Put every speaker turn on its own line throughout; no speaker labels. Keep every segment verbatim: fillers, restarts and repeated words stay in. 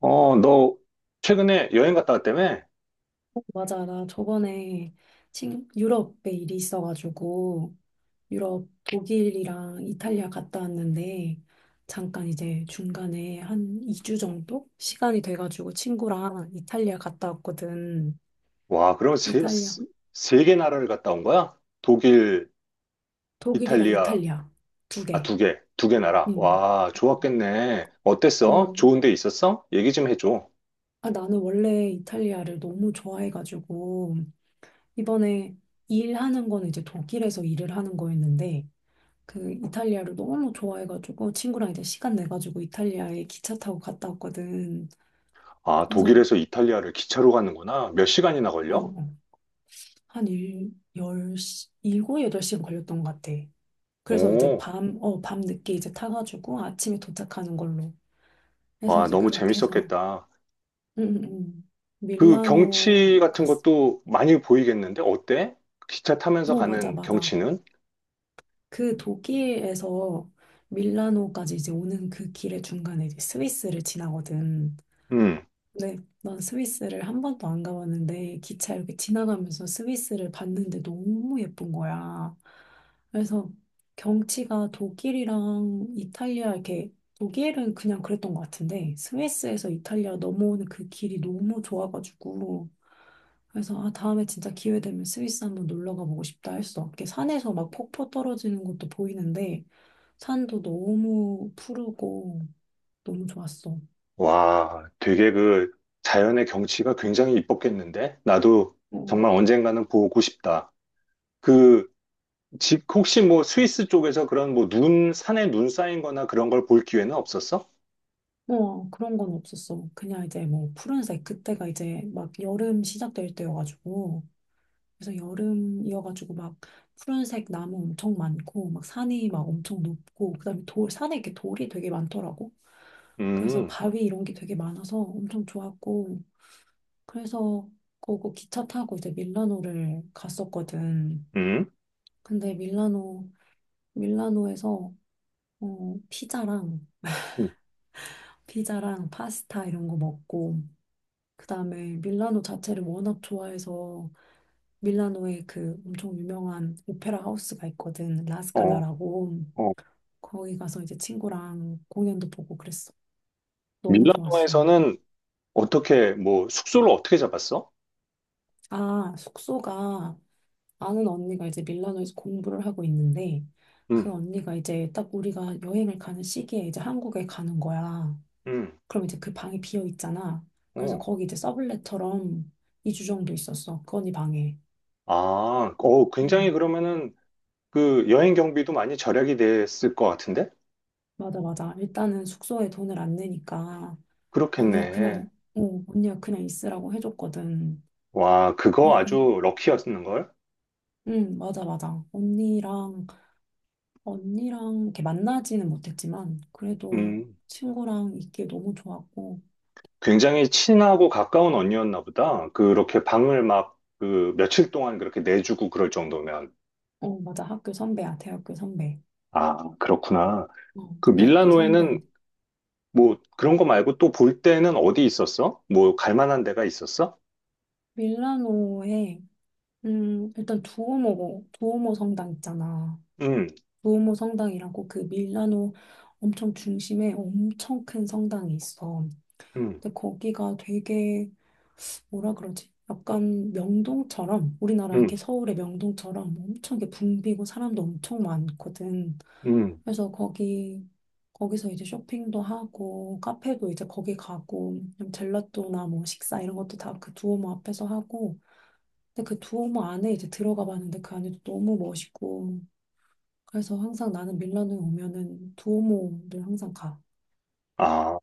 어, 너 최근에 여행 갔다 왔다며?
맞아. 나 저번에 친, 유럽에 일이 있어가지고 유럽 독일이랑 이탈리아 갔다 왔는데 잠깐 이제 중간에 한 이 주 정도 시간이 돼가지고 친구랑 이탈리아 갔다 왔거든.
와, 그럼 세,
이탈리아,
세 개 나라를 갔다 온 거야? 독일,
독일이랑
이탈리아,
이탈리아 두
아,
개.
두 개, 두개 나라.
응.
와, 좋았겠네. 어땠어?
어.
좋은 데 있었어? 얘기 좀 해줘.
아, 나는 원래 이탈리아를 너무 좋아해가지고 이번에 일하는 거는 이제 독일에서 일을 하는 거였는데 그 이탈리아를 너무 좋아해가지고 친구랑 이제 시간 내가지고 이탈리아에 기차 타고 갔다 왔거든.
아,
그래서
독일에서 이탈리아를 기차로 가는구나. 몇 시간이나
어,
걸려?
어, 한 일, 열 시, 일곱, 여덟 시간 걸렸던 것 같아. 그래서 이제
오,
밤, 어, 밤 늦게 이제 타가지고 아침에 도착하는 걸로 해서
와,
이제
너무
그렇게 해서
재밌었겠다.
응, 응, 응.
그
밀라노
경치 같은
갔어.
것도 많이 보이겠는데? 어때? 기차 타면서
어, 맞아,
가는
맞아.
경치는?
그 독일에서 밀라노까지 이제 오는 그 길의 중간에 이제 스위스를 지나거든.
음.
네, 난 스위스를 한 번도 안 가봤는데 기차 이렇게 지나가면서 스위스를 봤는데 너무 예쁜 거야. 그래서 경치가 독일이랑 이탈리아 이렇게 독일은 그냥 그랬던 것 같은데 스위스에서 이탈리아 넘어오는 그 길이 너무 좋아가지고 그래서 아 다음에 진짜 기회 되면 스위스 한번 놀러 가보고 싶다 했어. 이렇게 산에서 막 폭포 떨어지는 것도 보이는데 산도 너무 푸르고 너무 좋았어.
와, 되게 그 자연의 경치가 굉장히 이뻤겠는데? 나도
어.
정말 언젠가는 보고 싶다. 그, 집, 혹시 뭐 스위스 쪽에서 그런 뭐 눈, 산에 눈 쌓인 거나 그런 걸 볼 기회는 없었어?
뭐 그런 건 없었어. 그냥 이제 뭐 푸른색 그때가 이제 막 여름 시작될 때여가지고 그래서 여름이어가지고 막 푸른색 나무 엄청 많고 막 산이 막 엄청 높고 그다음에 돌 산에 이렇게 돌이 되게 많더라고. 그래서
음,
바위 이런 게 되게 많아서 엄청 좋았고 그래서 거기 기차 타고 이제 밀라노를 갔었거든.
음,
근데 밀라노 밀라노에서 어 피자랑
음.
피자랑 파스타 이런 거 먹고 그다음에 밀라노 자체를 워낙 좋아해서 밀라노에 그 엄청 유명한 오페라 하우스가 있거든.
어,
라스칼라라고.
어.
거기 가서 이제 친구랑 공연도 보고 그랬어. 너무 좋았어.
밀라노에서는 어떻게, 뭐 숙소를 어떻게 잡았어?
아, 숙소가 아는 언니가 이제 밀라노에서 공부를 하고 있는데
음,
그 언니가 이제 딱 우리가 여행을 가는 시기에 이제 한국에 가는 거야.
음,
그럼 이제 그 방이 비어 있잖아. 그래서
어.
거기 이제 서블렛처럼 이 주 정도 있었어. 그 언니 방에.
아, 어,
음.
굉장히 그러면은 그 여행 경비도 많이 절약이 됐을 것 같은데?
맞아, 맞아. 일단은 숙소에 돈을 안 내니까 언니가
그렇겠네.
그냥, 어, 언니가 그냥 있으라고 해줬거든.
와, 그거
그래서,
아주 럭키였는걸?
응, 맞아, 맞아. 언니랑, 언니랑 이렇게 만나지는 못했지만, 그래도
음,
친구랑 있기에 너무 좋았고,
굉장히 친하고 가까운 언니였나 보다. 그렇게 방을 막 그 며칠 동안 그렇게 내주고 그럴 정도면.
어, 맞아. 학교 선배야, 대학교 선배.
아, 그렇구나.
어,
그
대학교 선배야.
밀라노에는 뭐 그런 거 말고 또 볼 때는 어디 있었어? 뭐 갈 만한 데가 있었어?
밀라노에, 음, 일단 두오모, 두오모 성당 있잖아.
음,
두오모 성당이라고 그 밀라노 엄청 중심에 엄청 큰 성당이 있어.
음,
근데 거기가 되게 뭐라 그러지? 약간 명동처럼 우리나라
음,
이렇게 서울의 명동처럼 엄청 이렇게 붐비고 사람도 엄청 많거든.
음.
그래서 거기 거기서 이제 쇼핑도 하고 카페도 이제 거기 가고 그냥 젤라또나 뭐 식사 이런 것도 다 그 두오모 앞에서 하고 근데 그 두오모 안에 이제 들어가 봤는데 그 안에도 너무 멋있고 그래서 항상 나는 밀라노에 오면은 두오모를 항상 가.
아,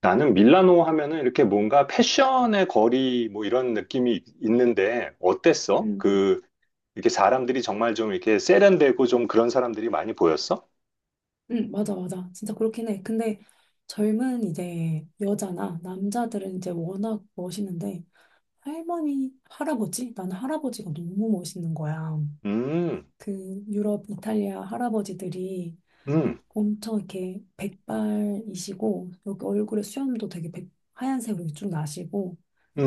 나는 밀라노 하면은 이렇게 뭔가 패션의 거리 뭐 이런 느낌이 있는데 어땠어?
응.
그 이렇게 사람들이 정말 좀 이렇게 세련되고 좀 그런 사람들이 많이 보였어?
응, 맞아, 맞아. 진짜 그렇긴 해. 근데 젊은 이제 여자나 남자들은 이제 워낙 멋있는데 할머니, 할아버지? 나는 할아버지가 너무 멋있는 거야.
음,
그 유럽, 이탈리아 할아버지들이
음.
엄청 이렇게 백발이시고 여기 얼굴에 수염도 되게 백- 하얀색으로 쭉 나시고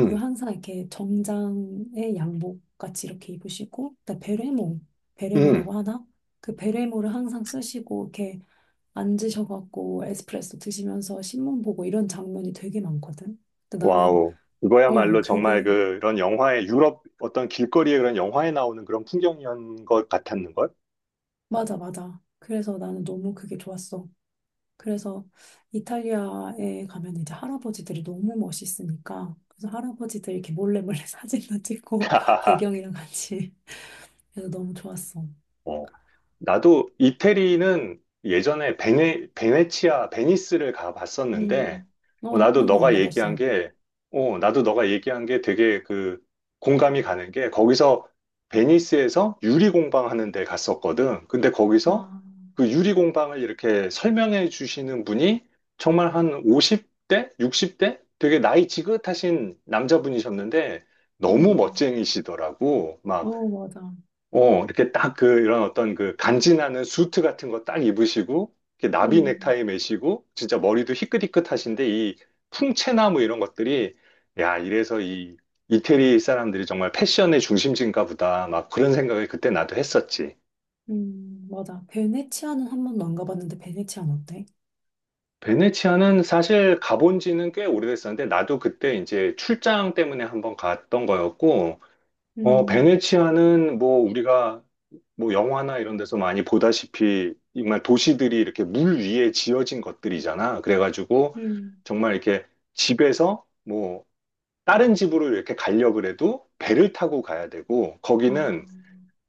그리고 항상 이렇게 정장에 양복 같이 이렇게 입으시고 그다음 베레모,
음,
베레모라고 하나? 그 베레모를 항상 쓰시고 이렇게 앉으셔갖고 에스프레소 드시면서 신문 보고 이런 장면이 되게 많거든. 근데 나는
와우.
어
이거야말로 정말
그게
그- 그런 영화에, 유럽 어떤 길거리에 그런 영화에 나오는 그런 풍경이었던 것 같았는걸?
맞아 맞아. 그래서 나는 너무 그게 좋았어. 그래서 이탈리아에 가면 이제 할아버지들이 너무 멋있으니까 그래서 할아버지들 이렇게 몰래 몰래 사진도 찍고 배경이랑 같이 그래서 너무 좋았어.
어, 나도 이태리는 예전에 베네, 베네치아, 베니스를 가봤었는데,
음. 어,
어,
한
나도
번도 안
너가 얘기한
가봤어.
게, 어, 나도 너가 얘기한 게 되게 그 공감이 가는 게, 거기서 베니스에서 유리공방 하는 데 갔었거든. 근데 거기서
아,
그 유리공방을 이렇게 설명해 주시는 분이 정말 한 오십 대? 육십 대? 되게 나이 지긋하신 남자분이셨는데, 너무
음.
멋쟁이시더라고. 막
어, 맞아.
어, 이렇게 딱 그, 이런 어떤 그 간지나는 수트 같은 거 딱 입으시고, 이렇게 나비
음.
넥타이 매시고, 진짜 머리도 희끗희끗하신데, 이 풍채나무 이런 것들이, 야, 이래서 이 이태리 사람들이 정말 패션의 중심지인가 보다. 막 그런 생각을 그때 나도 했었지.
음, 맞아. 베네치아는 한 번도 안 가봤는데 베네치아는 어때?
베네치아는 사실 가본 지는 꽤 오래됐었는데, 나도 그때 이제 출장 때문에 한번 갔던 거였고, 어,
음,
베네치아는 뭐 우리가 뭐 영화나 이런 데서 많이 보다시피 정말 도시들이 이렇게 물 위에 지어진 것들이잖아. 그래가지고
음,
정말 이렇게 집에서 뭐 다른 집으로 이렇게 가려고 그래도 배를 타고 가야 되고 거기는
아,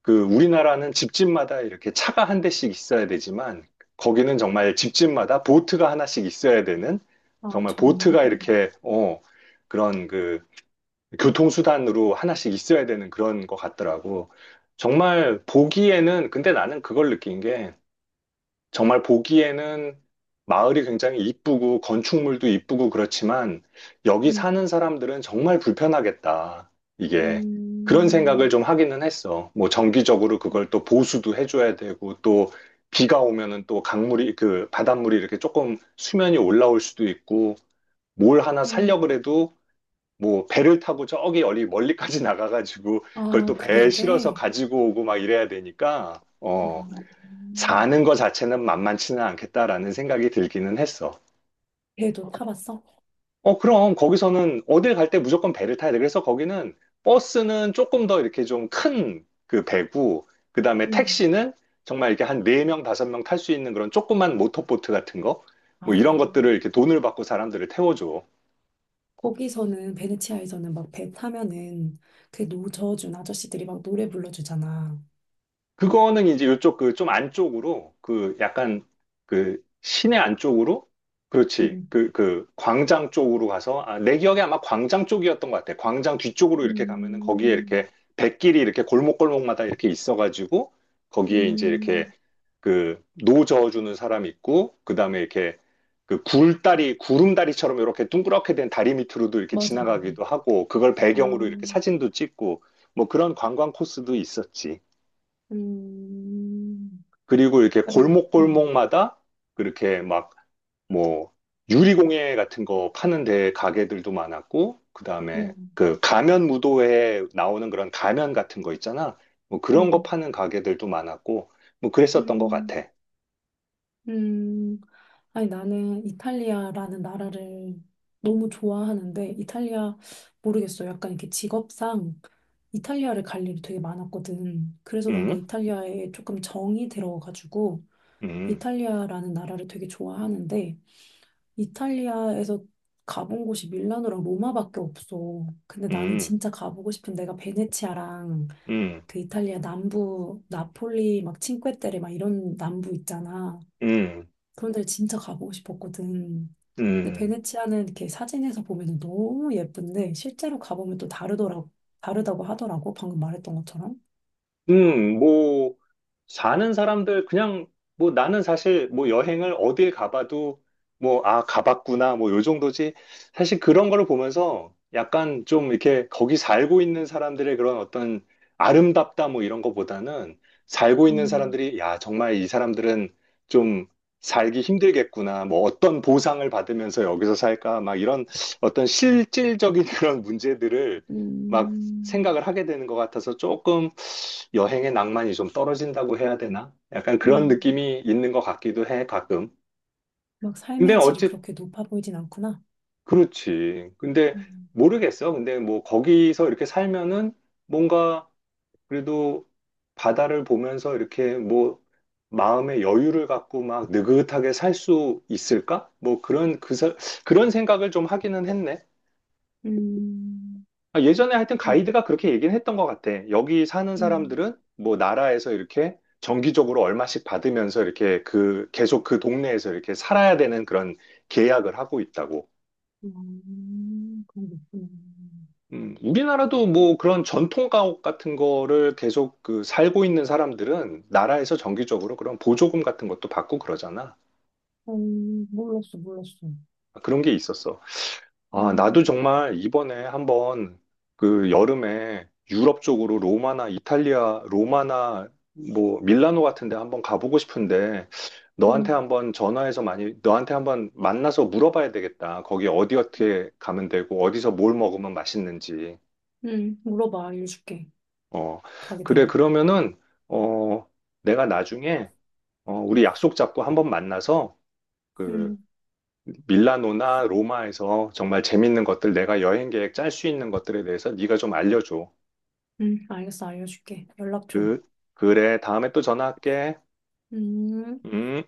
그 우리나라는 집집마다 이렇게 차가 한 대씩 있어야 되지만 거기는 정말 집집마다 보트가 하나씩 있어야 되는
아,
정말
정말.
보트가 이렇게 어 그런 그 교통수단으로 하나씩 있어야 되는 그런 것 같더라고. 정말 보기에는, 근데 나는 그걸 느낀 게, 정말 보기에는 마을이 굉장히 이쁘고, 건축물도 이쁘고 그렇지만, 여기 사는
음,
사람들은 정말 불편하겠다. 이게. 그런 생각을
음,
좀 하기는 했어. 뭐, 정기적으로 그걸 또 보수도 해줘야 되고, 또, 비가 오면은 또 강물이, 그, 바닷물이 이렇게 조금 수면이 올라올 수도 있고, 뭘 하나
음,
살려 그래도 뭐 배를 타고 저기 리 멀리까지 나가가지고 그걸
아,
또 배에
그래야
실어서
돼.
가지고 오고 막 이래야 되니까
어,
어
음.
사는 거 자체는 만만치는 않겠다라는 생각이 들기는 했어.
배도 타봤어?
어 그럼 거기서는 어딜 갈 때 무조건 배를 타야 돼. 그래서 거기는 버스는 조금 더 이렇게 좀 큰 그 배고 그다음에
음,
택시는 정말 이렇게 한 네명 다섯 명 탈 수 있는 그런 조그만 모터보트 같은 거 뭐 이런
아,
것들을 이렇게 돈을 받고 사람들을 태워줘.
거기서는, 베네치아에서는 막 배 타면은 그 노저준 아저씨들이 막 노래 불러주잖아.
그거는 이제 요쪽 그 좀 안쪽으로 그 약간 그 시내 안쪽으로 그렇지
음,
그 그 광장 쪽으로 가서 아, 내 기억에 아마 광장 쪽이었던 것 같아. 광장 뒤쪽으로 이렇게 가면은 거기에
음,
이렇게 백길이 이렇게 골목골목마다 이렇게 있어가지고 거기에 이제 이렇게
음,
그 노 저어주는 사람 있고 그 다음에 이렇게 그 굴다리 구름다리처럼 이렇게 둥그렇게 된 다리 밑으로도 이렇게
맞아, 맞아.
지나가기도 하고 그걸
아,
배경으로 이렇게 사진도 찍고 뭐 그런 관광 코스도 있었지.
음,
그리고 이렇게
약간, 음,
골목골목마다 그렇게 막 뭐 유리공예 같은 거 파는 데 가게들도 많았고 그다음에
우와,
그 가면 무도회에 나오는 그런 가면 같은 거 있잖아. 뭐 그런 거
음,
파는 가게들도 많았고 뭐 그랬었던 것
음,
같아.
음. 아니, 나는 이탈리아라는 나라를 너무 좋아하는데, 이탈리아, 모르겠어. 약간 이렇게 직업상 이탈리아를 갈 일이 되게 많았거든. 그래서 그런가
음,
이탈리아에 조금 정이 들어가지고,
음,
이탈리아라는 나라를 되게 좋아하는데, 이탈리아에서 가본 곳이 밀라노랑 로마밖에 없어. 근데 나는
음,
진짜 가보고 싶은 데가 베네치아랑
음,
그 이탈리아 남부 나폴리 막 칭que 테레 막 이런 남부 있잖아.
음,
그런 데를 진짜 가보고 싶었거든. 근데
음.
베네치아는 이렇게 사진에서 보면 너무 예쁜데 실제로 가보면 또 다르더라고, 다르다고 하더라고. 방금 말했던 것처럼.
음, 뭐, 사는 사람들, 그냥, 뭐, 나는 사실, 뭐, 여행을 어딜 가봐도, 뭐, 아, 가봤구나, 뭐, 요 정도지. 사실 그런 거를 보면서 약간 좀 이렇게 거기 살고 있는 사람들의 그런 어떤 아름답다, 뭐, 이런 거보다는 살고 있는
음,
사람들이, 야, 정말 이 사람들은 좀 살기 힘들겠구나, 뭐, 어떤 보상을 받으면서 여기서 살까, 막 이런 어떤 실질적인 그런 문제들을 막
음,
생각을 하게 되는 것 같아서 조금 여행의 낭만이 좀 떨어진다고 해야 되나? 약간 그런
음,
느낌이 있는 것 같기도 해, 가끔.
막
근데
삶의 질이
어찌,
그렇게 높아 보이진 않구나.
그렇지. 근데
음,
모르겠어. 근데 뭐 거기서 이렇게 살면은 뭔가 그래도 바다를 보면서 이렇게 뭐 마음의 여유를 갖고 막 느긋하게 살 수 있을까? 뭐 그런, 그, 사- 그런 생각을 좀 하기는 했네.
음,
아, 예전에 하여튼
음,
가이드가 그렇게 얘기는 했던 것 같아. 여기 사는
음,
사람들은 뭐 나라에서 이렇게 정기적으로 얼마씩 받으면서 이렇게 그 계속 그 동네에서 이렇게 살아야 되는 그런 계약을 하고 있다고.
음, 그런 게 있구나.
음, 우리나라도 뭐 그런 전통 가옥 같은 거를 계속 그 살고 있는 사람들은 나라에서 정기적으로 그런 보조금 같은 것도 받고 그러잖아.
어, 몰랐어, 몰랐어.
그런 게 있었어. 아, 나도
음,
정말 이번에 한번 그 여름에 유럽 쪽으로 로마나 이탈리아, 로마나 뭐 밀라노 같은 데 한번 가보고 싶은데 너한테
음,
한번 전화해서 많이 너한테 한번 만나서 물어봐야 되겠다. 거기 어디 어떻게 가면 되고 어디서 뭘 먹으면 맛있는지.
음, 물어봐, 알려줄게.
어.
가게
그래
되면.
그러면은 어 내가 나중에 어 우리 약속 잡고 한번 만나서 그
음,
밀라노나 로마에서 정말 재밌는 것들, 내가 여행 계획 짤 수 있는 것들에 대해서 네가 좀 알려줘.
음, 알겠어, 알려줄게. 연락 줘.
그, 그래, 다음에 또 전화할게.
음.
음.